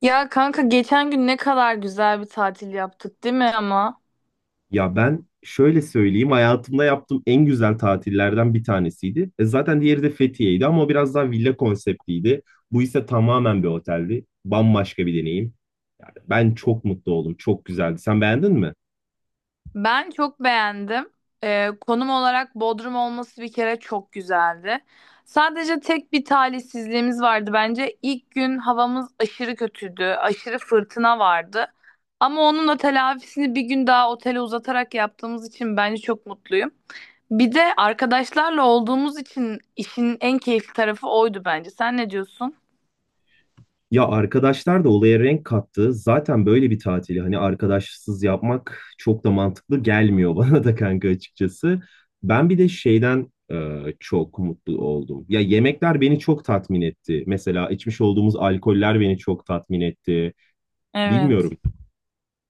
Ya kanka geçen gün ne kadar güzel bir tatil yaptık değil mi ama? Ya ben şöyle söyleyeyim, hayatımda yaptığım en güzel tatillerden bir tanesiydi. E zaten diğeri de Fethiye'ydi ama o biraz daha villa konseptliydi. Bu ise tamamen bir oteldi. Bambaşka bir deneyim. Yani ben çok mutlu oldum, çok güzeldi. Sen beğendin mi? Ben çok beğendim. Konum olarak Bodrum olması bir kere çok güzeldi. Sadece tek bir talihsizliğimiz vardı bence. İlk gün havamız aşırı kötüydü. Aşırı fırtına vardı. Ama onun da telafisini bir gün daha otele uzatarak yaptığımız için bence çok mutluyum. Bir de arkadaşlarla olduğumuz için işin en keyifli tarafı oydu bence. Sen ne diyorsun? Ya arkadaşlar da olaya renk kattı. Zaten böyle bir tatili hani arkadaşsız yapmak çok da mantıklı gelmiyor bana da kanka açıkçası. Ben bir de şeyden çok mutlu oldum. Ya yemekler beni çok tatmin etti. Mesela içmiş olduğumuz alkoller beni çok tatmin etti. Evet. Bilmiyorum.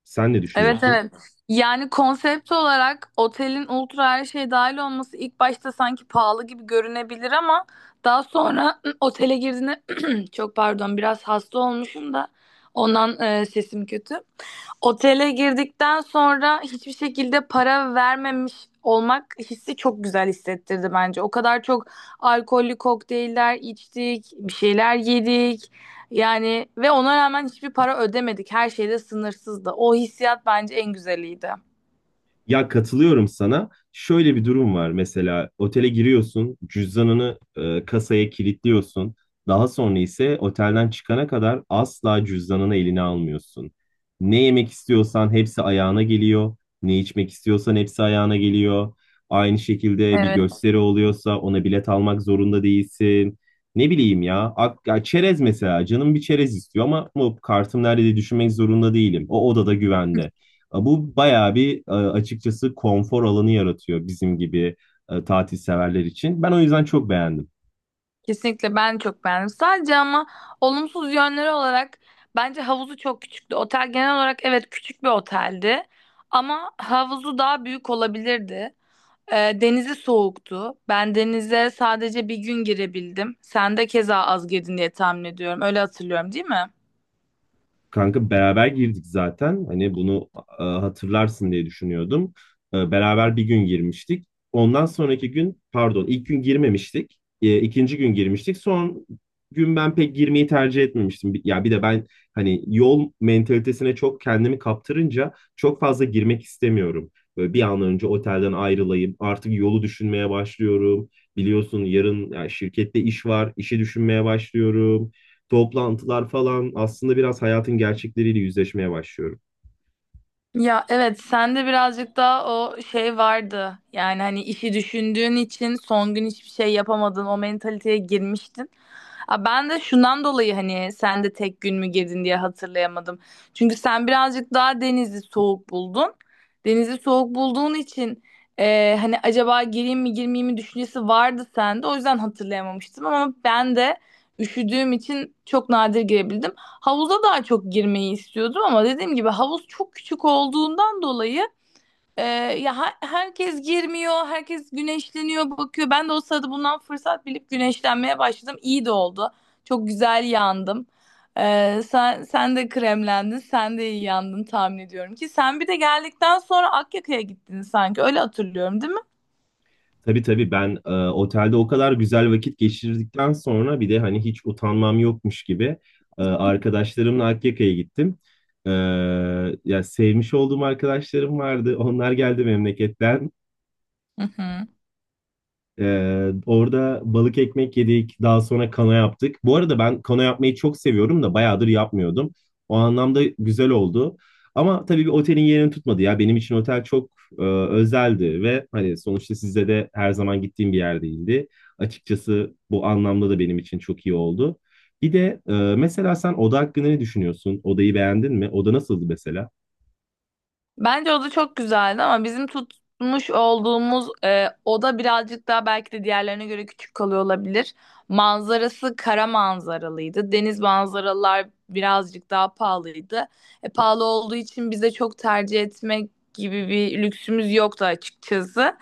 Sen ne Evet. Aha, düşünüyorsun? evet. Yani konsept olarak otelin ultra her şey dahil olması ilk başta sanki pahalı gibi görünebilir ama daha sonra otele girdiğinde çok pardon biraz hasta olmuşum da ondan sesim kötü. Otele girdikten sonra hiçbir şekilde para vermemiş olmak hissi çok güzel hissettirdi bence. O kadar çok alkollü kokteyller içtik, bir şeyler yedik. Yani ve ona rağmen hiçbir para ödemedik. Her şey de sınırsızdı. O hissiyat bence en güzeliydi. Ya katılıyorum sana. Şöyle bir durum var mesela otele giriyorsun, cüzdanını kasaya kilitliyorsun. Daha sonra ise otelden çıkana kadar asla cüzdanını eline almıyorsun. Ne yemek istiyorsan hepsi ayağına geliyor. Ne içmek istiyorsan hepsi ayağına geliyor. Aynı şekilde bir Evet. gösteri oluyorsa ona bilet almak zorunda değilsin. Ne bileyim ya, ya çerez mesela canım bir çerez istiyor ama bu kartım nerede diye düşünmek zorunda değilim. O odada güvende. Bu bayağı bir açıkçası konfor alanı yaratıyor bizim gibi tatil severler için. Ben o yüzden çok beğendim. Kesinlikle ben çok beğendim. Sadece ama olumsuz yönleri olarak bence havuzu çok küçüktü. Otel genel olarak evet küçük bir oteldi ama havuzu daha büyük olabilirdi. Denizi soğuktu. Ben denize sadece bir gün girebildim. Sen de keza az girdin diye tahmin ediyorum. Öyle hatırlıyorum, değil mi? Kanka beraber girdik zaten. Hani bunu hatırlarsın diye düşünüyordum. Beraber bir gün girmiştik. Ondan sonraki gün, pardon, ilk gün girmemiştik. İkinci gün girmiştik. Son gün ben pek girmeyi tercih etmemiştim. Ya bir de ben hani yol mentalitesine çok kendimi kaptırınca çok fazla girmek istemiyorum. Böyle bir an önce otelden ayrılayım. Artık yolu düşünmeye başlıyorum. Biliyorsun yarın ya şirkette iş var. İşi düşünmeye başlıyorum, toplantılar falan, aslında biraz hayatın gerçekleriyle yüzleşmeye başlıyorum. Ya evet sende birazcık daha o şey vardı. Yani hani işi düşündüğün için son gün hiçbir şey yapamadın. O mentaliteye girmiştin. Ben de şundan dolayı hani sen de tek gün mü girdin diye hatırlayamadım. Çünkü sen birazcık daha denizi soğuk buldun. Denizi soğuk bulduğun için hani acaba gireyim mi girmeyeyim mi düşüncesi vardı sende. O yüzden hatırlayamamıştım ama ben de üşüdüğüm için çok nadir girebildim. Havuza daha çok girmeyi istiyordum ama dediğim gibi havuz çok küçük olduğundan dolayı e, ya herkes girmiyor, herkes güneşleniyor, bakıyor. Ben de o sırada bundan fırsat bilip güneşlenmeye başladım. İyi de oldu. Çok güzel yandım. Sen de kremlendin, sen de iyi yandın tahmin ediyorum ki. Sen bir de geldikten sonra Akyaka'ya gittin sanki. Öyle hatırlıyorum, değil mi? Tabii tabii, ben otelde o kadar güzel vakit geçirdikten sonra bir de hani hiç utanmam yokmuş gibi arkadaşlarımla Akyaka'ya gittim. E, Ya sevmiş olduğum arkadaşlarım vardı. Onlar geldi memleketten. Hı hı. Orada balık ekmek yedik. Daha sonra kana yaptık. Bu arada ben kana yapmayı çok seviyorum da bayağıdır yapmıyordum. O anlamda güzel oldu. Ama tabii bir otelin yerini tutmadı ya. Benim için otel çok özeldi ve hani sonuçta sizde de her zaman gittiğim bir yer değildi. Açıkçası bu anlamda da benim için çok iyi oldu. Bir de mesela sen oda hakkında ne düşünüyorsun? Odayı beğendin mi? Oda nasıldı mesela? Bence o da çok güzeldi ama bizim tutmuş olduğumuz oda birazcık daha belki de diğerlerine göre küçük kalıyor olabilir. Manzarası kara manzaralıydı. Deniz manzaralar birazcık daha pahalıydı. Pahalı olduğu için bize çok tercih etmek gibi bir lüksümüz yoktu açıkçası.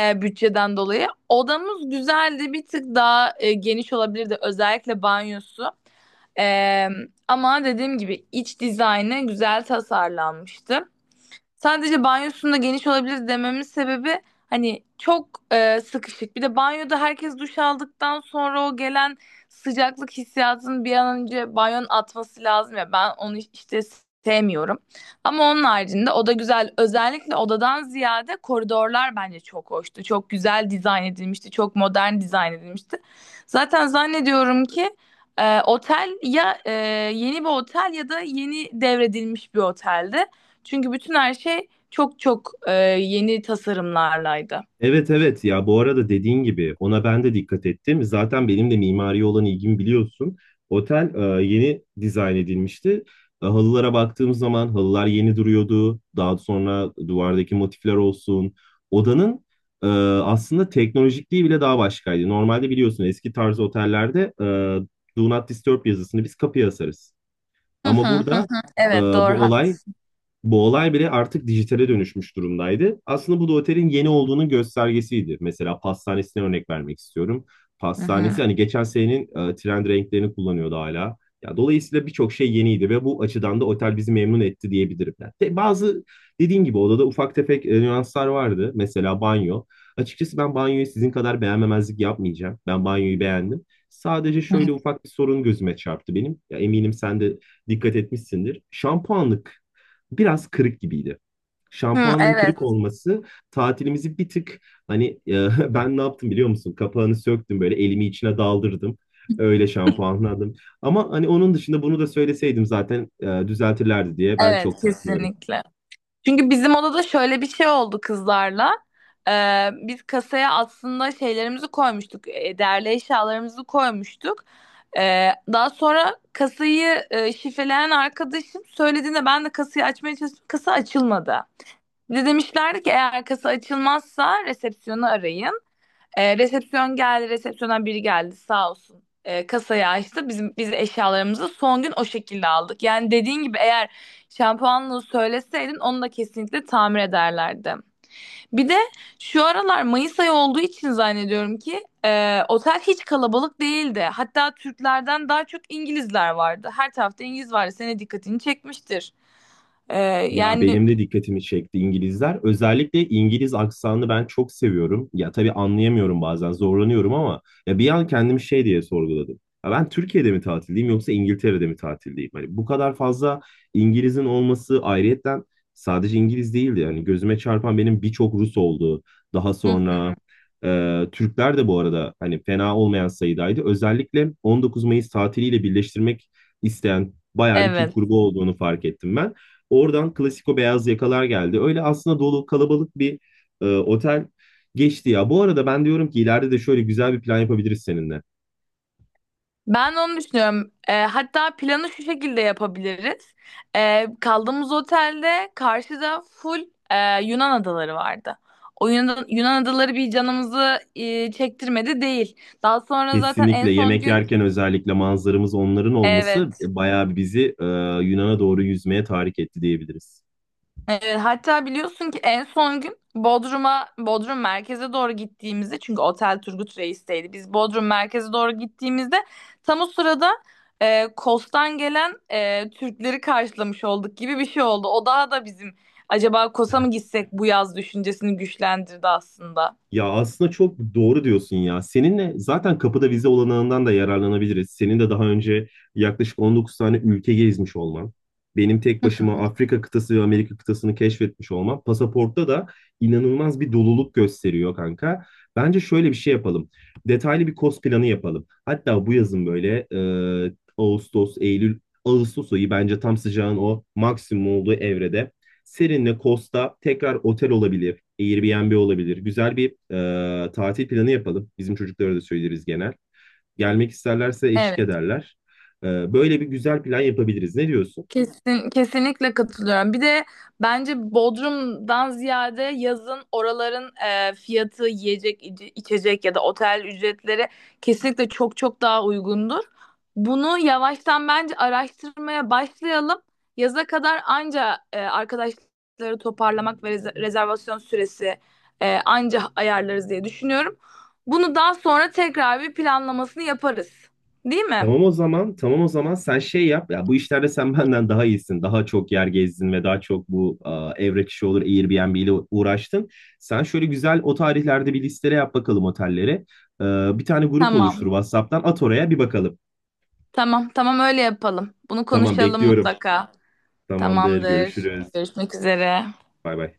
Bütçeden dolayı. Odamız güzeldi. Bir tık daha geniş olabilirdi. Özellikle banyosu. E, Ama dediğim gibi iç dizaynı güzel tasarlanmıştı. Sadece banyosunda geniş olabilir dememin sebebi hani çok sıkışık. Bir de banyoda herkes duş aldıktan sonra o gelen sıcaklık hissiyatını bir an önce banyonun atması lazım ya. Ben onu işte sevmiyorum. Ama onun haricinde o da güzel. Özellikle odadan ziyade koridorlar bence çok hoştu. Çok güzel dizayn edilmişti. Çok modern dizayn edilmişti. Zaten zannediyorum ki otel ya yeni bir otel ya da yeni devredilmiş bir oteldi. Çünkü bütün her şey çok yeni tasarımlarlaydı. Evet evet, ya bu arada dediğin gibi ona ben de dikkat ettim. Zaten benim de mimariye olan ilgimi biliyorsun. Otel yeni dizayn edilmişti. E, halılara baktığım zaman halılar yeni duruyordu. Daha sonra duvardaki motifler olsun. Odanın e, aslında teknolojikliği bile daha başkaydı. Normalde biliyorsun, eski tarz otellerde Do Not Disturb yazısını biz kapıya asarız. Hı hı. Ama Hı burada hı. e, Evet, doğru bu hak. olay bu olay bile artık dijitale dönüşmüş durumdaydı. Aslında bu da otelin yeni olduğunun göstergesiydi. Mesela pastanesine örnek vermek istiyorum. Hı. Pastanesi hani geçen senenin trend renklerini kullanıyordu hala. Ya dolayısıyla birçok şey yeniydi ve bu açıdan da otel bizi memnun etti diyebilirim. Yani bazı dediğim gibi odada ufak tefek nüanslar vardı. Mesela banyo. Açıkçası ben banyoyu sizin kadar beğenmemezlik yapmayacağım. Ben banyoyu beğendim. Sadece Hı. şöyle ufak bir sorun gözüme çarptı benim. Ya eminim sen de dikkat etmişsindir. Şampuanlık biraz kırık gibiydi. Hı, Şampuanın evet. kırık olması tatilimizi bir tık hani... Ben ne yaptım biliyor musun? Kapağını söktüm, böyle elimi içine daldırdım. Öyle şampuanladım. Ama hani onun dışında bunu da söyleseydim zaten düzeltirlerdi diye ben Evet, çok takmıyorum. kesinlikle. Çünkü bizim odada şöyle bir şey oldu kızlarla. Biz kasaya aslında şeylerimizi koymuştuk. Değerli eşyalarımızı koymuştuk. Daha sonra kasayı şifreleyen arkadaşım söylediğinde ben de kasayı açmaya çalıştım. Kasa açılmadı. Bize demişlerdi ki eğer kasa açılmazsa resepsiyonu arayın. Resepsiyon geldi, resepsiyona biri geldi sağ olsun. Kasayı açtı. Biz eşyalarımızı son gün o şekilde aldık. Yani dediğin gibi eğer şampuanlığı söyleseydin onu da kesinlikle tamir ederlerdi. Bir de şu aralar Mayıs ayı olduğu için zannediyorum ki otel hiç kalabalık değildi. Hatta Türklerden daha çok İngilizler vardı. Her tarafta İngiliz vardı. Senin dikkatini çekmiştir. E, Ya yani benim de dikkatimi çekti İngilizler. Özellikle İngiliz aksanını ben çok seviyorum. Ya tabii anlayamıyorum, bazen zorlanıyorum, ama ya bir an kendimi şey diye sorguladım. Ya ben Türkiye'de mi tatildeyim yoksa İngiltere'de mi tatildeyim? Hani bu kadar fazla İngiliz'in olması, ayrıyetten sadece İngiliz değildi. Hani gözüme çarpan benim birçok Rus oldu. Daha hı, sonra Türkler de bu arada hani fena olmayan sayıdaydı. Özellikle 19 Mayıs tatiliyle birleştirmek isteyen bayağı bir Türk evet. grubu olduğunu fark ettim ben. Oradan klasiko beyaz yakalar geldi. Öyle aslında dolu kalabalık bir otel geçti ya. Bu arada ben diyorum ki ileride de şöyle güzel bir plan yapabiliriz seninle. Ben de onu düşünüyorum. Hatta planı şu şekilde yapabiliriz. Kaldığımız otelde karşıda full e, Yunan adaları vardı. O Yunan adaları bir canımızı çektirmedi değil. Daha sonra zaten en Kesinlikle son yemek gün yerken özellikle manzaramız onların olması evet. bayağı bizi Yunan'a doğru yüzmeye tahrik etti diyebiliriz. Evet, hatta biliyorsun ki en son gün Bodrum merkeze doğru gittiğimizde çünkü otel Turgut Reis'teydi. Biz Bodrum merkeze doğru gittiğimizde tam o sırada Kos'tan gelen Türkleri karşılamış olduk gibi bir şey oldu. O daha da bizim acaba Kos'a mı gitsek bu yaz düşüncesini güçlendirdi aslında. Ya aslında çok doğru diyorsun ya. Seninle zaten kapıda vize olanağından da yararlanabiliriz. Senin de daha önce yaklaşık 19 tane ülke gezmiş olman, benim tek başıma Afrika kıtası ve Amerika kıtasını keşfetmiş olmam, pasaportta da inanılmaz bir doluluk gösteriyor kanka. Bence şöyle bir şey yapalım. Detaylı bir kos planı yapalım. Hatta bu yazın böyle Ağustos, Eylül, Ağustos ayı bence tam sıcağın o maksimum olduğu evrede. Serinle Kosta tekrar otel olabilir. Airbnb olabilir. Güzel bir tatil planı yapalım. Bizim çocuklara da söyleriz genel. Gelmek isterlerse eşlik Evet. ederler. E, Böyle bir güzel plan yapabiliriz. Ne diyorsun? Kesinlikle katılıyorum. Bir de bence Bodrum'dan ziyade yazın oraların fiyatı, yiyecek, içecek ya da otel ücretleri kesinlikle çok daha uygundur. Bunu yavaştan bence araştırmaya başlayalım. Yaza kadar anca arkadaşları toparlamak ve rezervasyon süresi anca ayarlarız diye düşünüyorum. Bunu daha sonra tekrar bir planlamasını yaparız. Değil mi? Tamam o zaman, tamam o zaman sen şey yap. Ya bu işlerde sen benden daha iyisin. Daha çok yer gezdin ve daha çok bu evrak işi olur Airbnb ile uğraştın. Sen şöyle güzel o tarihlerde bir listele yap bakalım otellere. E, Bir tane grup Tamam. oluştur, WhatsApp'tan at, oraya bir bakalım. Tamam öyle yapalım. Bunu Tamam konuşalım. Tamam, bekliyorum. mutlaka. Tamamdır, Tamamdır. görüşürüz. Görüşmek üzere. Bay bay.